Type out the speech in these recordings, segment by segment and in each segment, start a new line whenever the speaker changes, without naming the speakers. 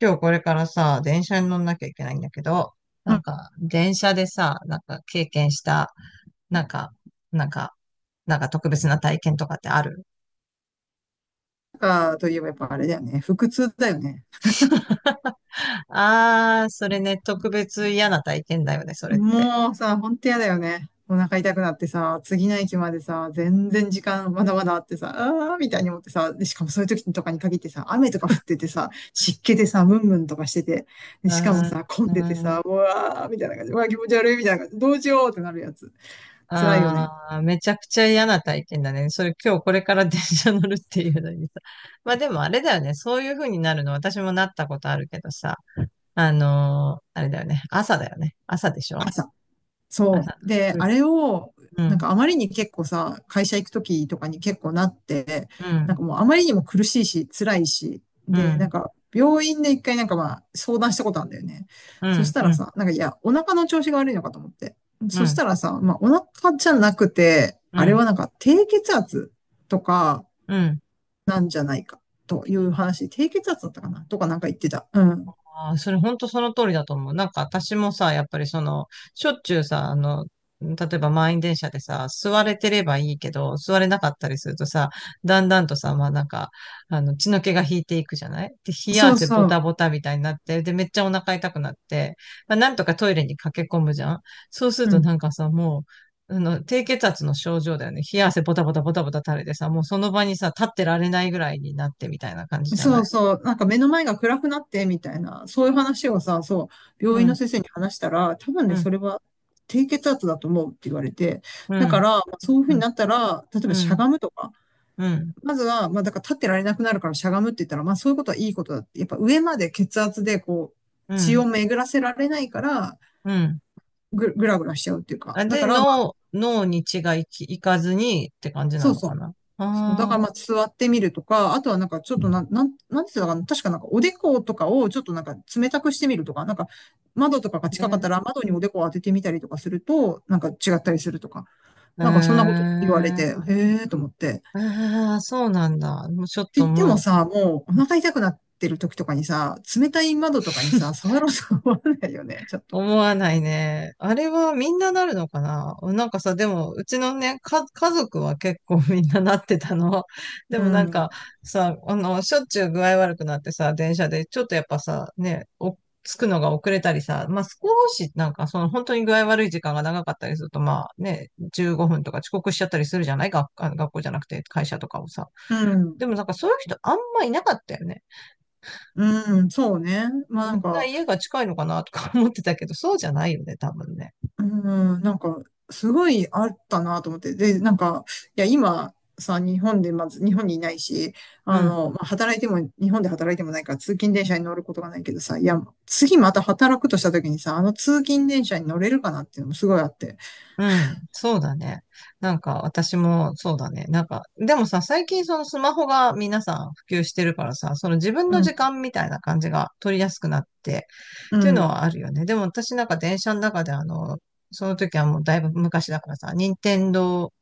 今日これからさ、電車に乗んなきゃいけないんだけど、
なん
電車でさ、なんか経験した、なんか、なんか、なんか特別な体験とかってある？
か、といえばやっぱあれだよね。腹痛だよね。
あー、それね、特別嫌な体験だよね、それって。
もうさ、ほんと嫌だよね。お腹痛くなってさ、次の駅までさ、全然時間まだまだあってさ、あーみたいに思ってさ、で、しかもそういう時とかに限ってさ、雨とか降っててさ、湿気でさ、ムンムンとかしてて、で、
あ
しかもさ、混ん
ー
でて
ん、うー
さ、
ん。
うわーみたいな感じ、うわー気持ち悪いみたいな感じ、どうしようってなるやつ。辛いよ
あ
ね。
ーめちゃくちゃ嫌な体験だね。それ今日これから電車乗るっていうのにさ。まあでもあれだよね、そういう風になるの私もなったことあるけどさ、あれだよね、朝だよね。朝でしょ？
朝。そ
朝。
う。で、あれを、
う
なん
ん。
かあまりに結構さ、会社行くときとかに結構なって、
う
なん
ん、
かもうあまりにも苦しいし、辛いし、
う
で、な
ん、
んか病院で一回なんかまあ相談したことあるんだよね。
う
そし
ん、
た
う
ら
ん、
さ、なんかいや、お腹の調子が悪いのかと思って。
う
そし
ん、
たらさ、まあお腹じゃなくて、
う
あれ
ん、
はなんか低血圧とか
うん。
なんじゃないかという話、低血圧だったかなとかなんか言ってた。うん。
あー、それ本当その通りだと思う。なんか私もさ、やっぱりその、しょっちゅうさ、あの、例えば満員電車でさ、座れてればいいけど、座れなかったりするとさ、だんだんとさ、まあなんか、あの、血の気が引いていくじゃない？で、冷や
そう
汗ボ
そ
タ
う。
ボタみたいになって、で、めっちゃお腹痛くなって、まあ、なんとかトイレに駆け込むじゃん。そうする
う
と
ん、
なんかさ、もう、あの、低血圧の症状だよね。冷や汗ボタボタボタボタ垂れてさ、もうその場にさ、立ってられないぐらいになってみたいな感じじゃ
そ
な
う
い？
そう、なんか目の前が暗くなってみたいな、そういう話をさ、そう、
う
病院の
ん、
先生に話したら、多分
う
ね、
ん、
それは低血圧だと思うって言われて、
う
だか
ん。
ら、まあそういうふ
う
うに
ん。
なったら、例え
う
ばしゃ
ん、
がむとか、
うん、
まずは、まあだから立ってられなくなるからしゃがむって言ったら、まあそういうことはいいことだって、やっぱ上まで血圧でこ
う
う、血
ん、
を巡らせられないから、
うん。
ぐらぐらしちゃうっていうか、
あ、
だ
で、
から、まあ、
脳、脳に血が行き、行かずにって感じ
そ
な
う
の
そ
か
う、
な。
そう、だから
あ
まあ座ってみるとか、あとはなんかちょっとなんていかな、確かなんかおでことかをちょっとなんか冷たくしてみるとか、なんか窓とかが
あ、
近かっ
ね。
たら窓におでこを当ててみたりとかすると、なんか違ったりするとか、
え
なんかそんなこと言われ
ー、
て、へえーと思って。
ああ、そうなんだ。もうちょっ
って言
と
っても
もう。
さ、もうお腹痛くなってる時とかにさ、冷たい窓とかにさ、触ろうと思わないよね、ちょっと。
思わないね。あれはみんななるのかな、なんかさ、でも、うちのね、か、家族は結構みんななってたの。で
う
もなん
ん、
かさ、あの、しょっちゅう具合悪くなってさ、電車で、ちょっとやっぱさ、ね、お、着くのが遅れたりさ、まあ、少し、なんかその本当に具合悪い時間が長かったりすると、まあね、15分とか遅刻しちゃったりするじゃない？学、あの学校じゃなくて会社とかをさ。
うん、
でもなんかそういう人あんまいなかったよね。
うん、そうね。ま
み
あな
ん
ん
な
か、
家が近いのかなとか思ってたけど、そうじゃないよね、多分ね。
うん、なんか、すごいあったなと思って。で、なんか、いや、今さ、日本で、まず、日本にいないし、あ
うん。
の、まあ、働いても、日本で働いてもないから、通勤電車に乗ることがないけどさ、いや、次また働くとした時にさ、あの通勤電車に乗れるかなっていうのもすごいあって。
うん、そうだね。なんか私もそうだね。なんか、でもさ、最近そのスマホが皆さん普及してるからさ、その自分
う
の時
ん、
間みたいな感じが取りやすくなって、
う
っていうの
ん、
はあるよね。でも私なんか電車の中であの、その時はもうだいぶ昔だからさ、任天堂、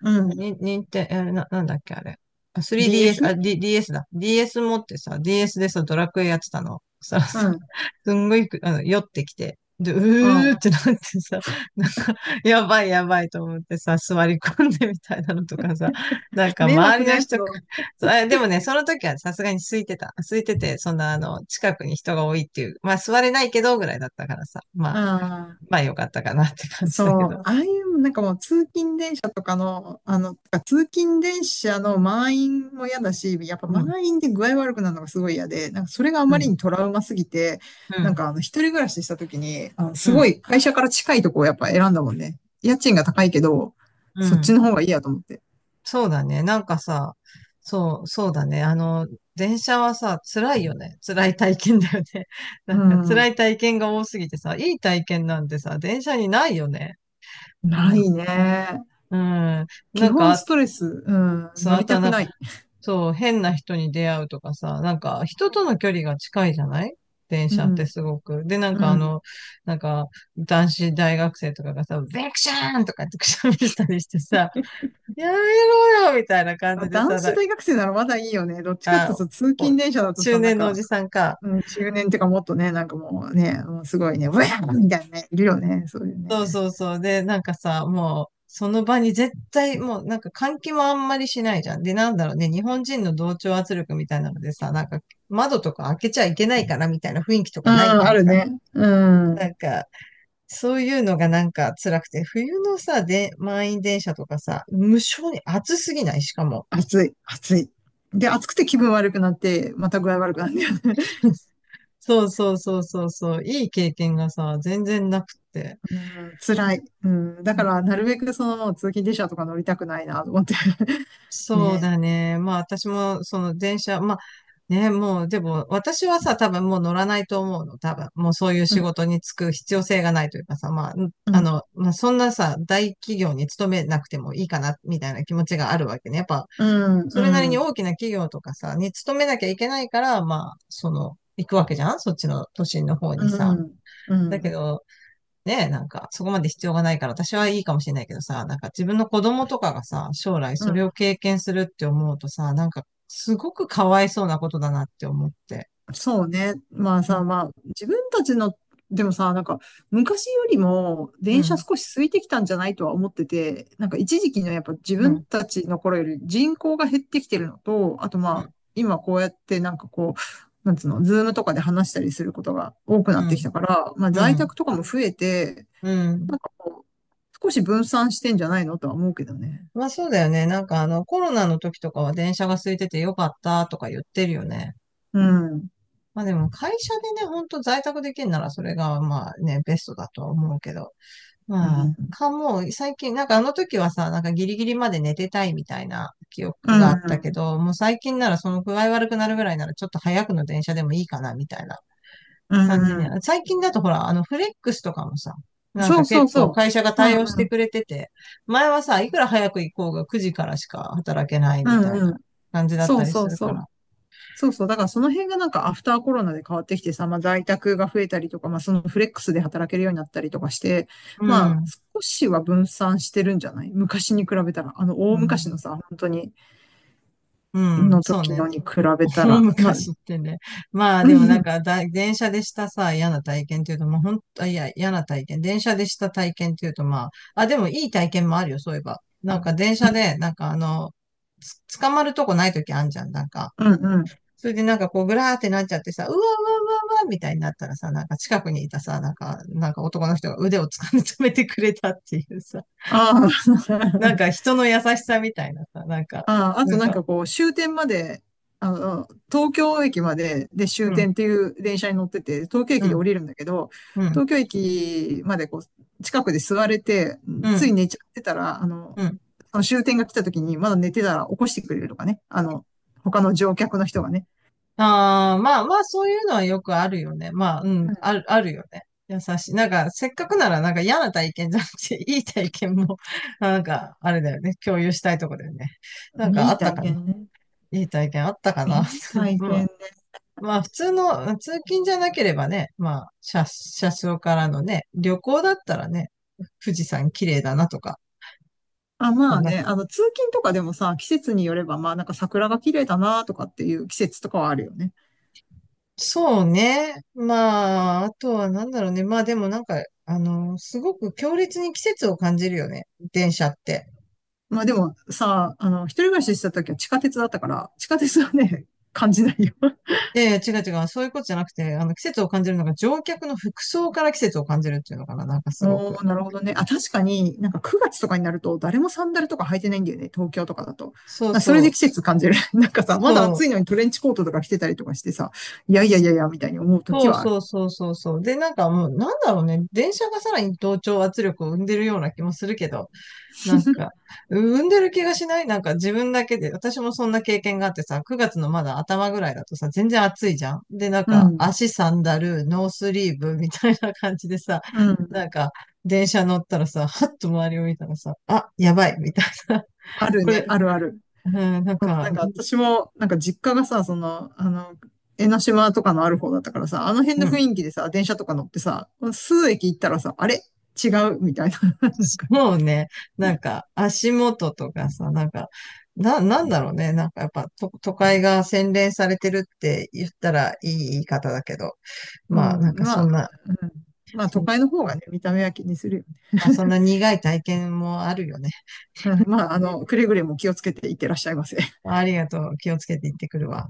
うん。
に、任天、えな、なんだっけあれ。あ 3DS、あ、
DS？
D、DS だ。ディーエス持ってさ、DS でさ、ドラクエやってたの。そしたら
う
さ、
ん、
すんごいあの、酔ってきて、で、う
う
ー
ん。
ってなってさ、なんか、やばいやばいと思ってさ、座り込んでみたいなのとかさ、なんか
迷
周
惑
り
な
の
や
人。
つだ。
そう、あでもね、その時はねさすがに空いてた。空いてて、そんな、あの、近くに人が多いっていう、まあ座れないけどぐらいだったからさ、ま
う
あ、
ん。
まあよかったかなって感じだけ
そう、
ど。
ああいうなんかもう通勤電車とかの、あの、てか通勤電車の満員も嫌だし、やっぱ
うん、
満員で具合悪くなるのがすごい嫌で、なんかそれがあま
う
り
ん、
にトラウマすぎて、
う
なん
ん、
かあの一人暮らしした時に、あの
う
すご
ん、
い会社から近いとこをやっぱ選んだもんね。家賃が高いけど、
う
そっち
ん。
の方がいいやと思って。
そうだね。なんかさ、そう、そうだね。あの、電車はさ、辛いよね。辛い体験だよね。な
う
んか辛
ん、
い体験が多すぎてさ、いい体験なんてさ、電車にないよね。
ない ね。
うん。うん。
基
なんか、
本ス
あ、
トレス、うん、
そう、
乗
あ
り
と
た
は
く
なんか、
ない。
そう、変な人に出会うとかさ、なんか、人との距離が近いじゃない？電
う
車って、
ん、
すごく。で、なん
う
かあ
ん。
の、なんか、男子大学生とかがさ、ベクシャーンとかってくしゃみしたりしてさ、やめろよみたいな感
まあ
じで
男
さ、
子大学生ならまだいいよね。どっちかっていう
あ、
と通
お、
勤電車だと
中
さ、なん
年のお
か、
じさんか。
うん、中年っていうかもっとね、なんかもうね、もうすごいね、ウェーみたいなね、いるよね、そういう
そう
ね。
そうそう。で、なんかさ、もう、その場に絶対、もう、なんか換気もあんまりしないじゃん。で、なんだろうね、日本人の同調圧力みたいなのでさ、なんか、窓とか開けちゃいけないからみたいな雰囲気と
うん、
かない、な
あ
ん
る
か。
ね。う
な
ん。
んか、そういうのがなんか辛くて、冬のさ、で、満員電車とかさ、無性に暑すぎない、しかも。
暑い、暑い。で、暑くて気分悪くなって、また具合悪くなるんだよね。
そうそうそうそうそう、いい経験がさ、全然なくって。
うん、辛い。うん、だから、なるべくその、通勤電車とか乗りたくないな、と思って。
そう
ね。
だね。まあ私もその電車、まあね、もうでも私はさ、多分もう乗らないと思うの。多分もうそういう
うん、
仕事に就く必要性がないというかさ、まあ、ん
う
あ
ん、
の、まあそんなさ、大企業に勤めなくてもいいかな、みたいな気持ちがあるわけね。やっぱ、
うん、
それなり
う
に
ん、
大きな企業とかさ、に勤めなきゃいけないから、まあ、その、行くわけじゃん、そっちの都心の方
う
にさ。
ん、う
だけ
ん。
ど、ね、なんか、そこまで必要がないから私はいいかもしれないけどさ、なんか自分の子供とかがさ、将来
う
それを
ん、
経験するって思うとさ、なんか、すごくかわいそうなことだなって思って。
そうね。まあ
う
さ、
ん、
まあ、自分たちの、でもさ、なんか、昔よりも
う
電車
ん、
少し空いてきたんじゃないとは思ってて、なんか一時期のやっぱ自
う
分
ん、
たちの頃より人口が減ってきてるのと、あとま
う
あ、
ん、
今こうやってなんかこう、なんつうの、ズームとかで話したりすることが多くなってきたから、まあ
う
在
ん、
宅とかも増えて、
うん。
少し分散してんじゃないのとは思うけどね。
まあそうだよね。なんかあの、コロナの時とかは電車が空いててよかったとか言ってるよね。
うん。
まあでも会社でね、ほんと在宅できるならそれがまあね、ベストだとは思うけど。
う
まあ、
ん。
かもう、最近、なんかあの時はさ、なんかギリギリまで寝てたいみたいな記
う
憶があったけ
ん。
ど、もう最近ならその具合悪くなるぐらいならちょっと早くの電車でもいいかなみたいな
う
感じ
ん。
に。
うん。
最近だとほら、あのフレックスとかもさ、なん
そ
か
うそ
結
う
構
そ
会社が
う。う
対応し
ん。
てくれてて、前はさ、いくら早く行こうが9時からしか働けない
う
みたい
ん。う
な
ん。
感じだっ
そ
た
う
り
そ
す
う
る
そ
から。
う。そうそう。だからその辺がなんかアフターコロナで変わってきてさ、まあ在宅が増えたりとか、まあそのフレックスで働けるようになったりとかして、
う
まあ
ん。
少しは分散してるんじゃない昔に比べたら、あの大
う
昔
ん。
のさ、本当に、
うん。
の
そう
時
ね。
のに比べた
もう
ら、まあ、
昔ってね。まあ
う
でも
ん、
な
う
ん
ん、
かだ、電車でしたさ、嫌な体験っていうと、まあ本当、いや、嫌な体験。電車でした体験っていうと、まあ、あ、でもいい体験もあるよ、そういえば。なんか電車で、なんかあの、つ捕まるとこないときあんじゃん、なんか。
うん。うん、
それでなんかこう、ぐらーってなっちゃってさ、うわうわうわうわみたいになったらさ、なんか近くにいたさ、なんか、なんか男の人が腕を掴み止めてくれたっていうさ、
ああ、
なん か人の優しさみたいなさ、なんか、
ああ、あと
なん
なん
か、
かこう、終点まで、あの、東京駅まで、で終
うん、
点っていう電車に乗ってて、東京
う
駅で
ん、
降りるんだけど、
うん、
東京駅までこう、近くで座れて、
う
つい
ん、
寝ちゃってたら、あの、
うん。
その終点が来た時にまだ寝てたら起こしてくれるとかね。あの、他の乗客の人がね。
ああ、まあまあ、そういうのはよくあるよね。まあ、う
う
ん、
ん、
ある、あるよね。優しい。なんか、せっかくなら、なんか嫌な体験じゃなくて、いい体験も、なんか、あれだよね。共有したいとこだよね。なんか、
い
あ
い
った
体
かな。
験ね。
いい体験あったか
い
な。
い 体
ま
験
あ、
ね。
まあ、普通の、通勤じゃなければね、まあ、車、車窓からのね、旅行だったらね、富士山綺麗だなとか、
あ、まあね、あの、通勤とかでもさ、季節によれば、まあなんか桜が綺麗だなとかっていう季節とかはあるよね。
そうね。まあ、あとはなんだろうね。まあでもなんか、あの、すごく強烈に季節を感じるよね。電車って。
まあでもさ、あの、一人暮らししてた時は地下鉄だったから、地下鉄はね、感じないよ。
で、違う違う。そういうことじゃなくて、あの、季節を感じるのが乗客の服装から季節を感じるっていうのかな。なんかすご
お
く。
ー、なるほどね。あ、確かになんか9月とかになると誰もサンダルとか履いてないんだよね、東京とかだと。
そう
それ
そ
で季
う。
節感じる。なんかさ、まだ
そ
暑
う。
いのにトレンチコートとか着てたりとかしてさ、いやいやいやいや、みたいに思う時
そう
はある。
そうそうそうそう。で、なんかもう、なんだろうね。電車がさらに同調圧力を生んでるような気もするけど。なんか、産んでる気がしないなんか自分だけで、私もそんな経験があってさ、9月のまだ頭ぐらいだとさ、全然暑いじゃん。で、なん
う
か、
ん、
足サンダル、ノースリーブみたいな感じでさ、
う
な
ん。
んか、電車乗ったらさ、はっと周りを見たらさ、あ、やばい、みたいな。
あ る
こ
ね、
れ、
あるある。
うん、なん
な
か、
んか私も、なんか実家がさ、その、あの、江ノ島とかのある方だったからさ、あの辺の
う
雰
ん、
囲気でさ、電車とか乗ってさ、数駅行ったらさ、あれ違うみたいな。なんかね。
もうね、なんか、足元とかさ、なんか、な、なんだろうね。なんかやっぱと都会が洗練されてるって言ったらいい言い方だけど、
う
まあな
ん。
んかそ
まあ、
んな
うん、まあ
そ
都
ん
会の方がね、見た目は気にするよね。
まあ、そん な苦い体験もあるよね。
うん、まあ、あの、くれぐれも気をつけていってらっしゃいませ。
ありがとう。気をつけて行ってくるわ。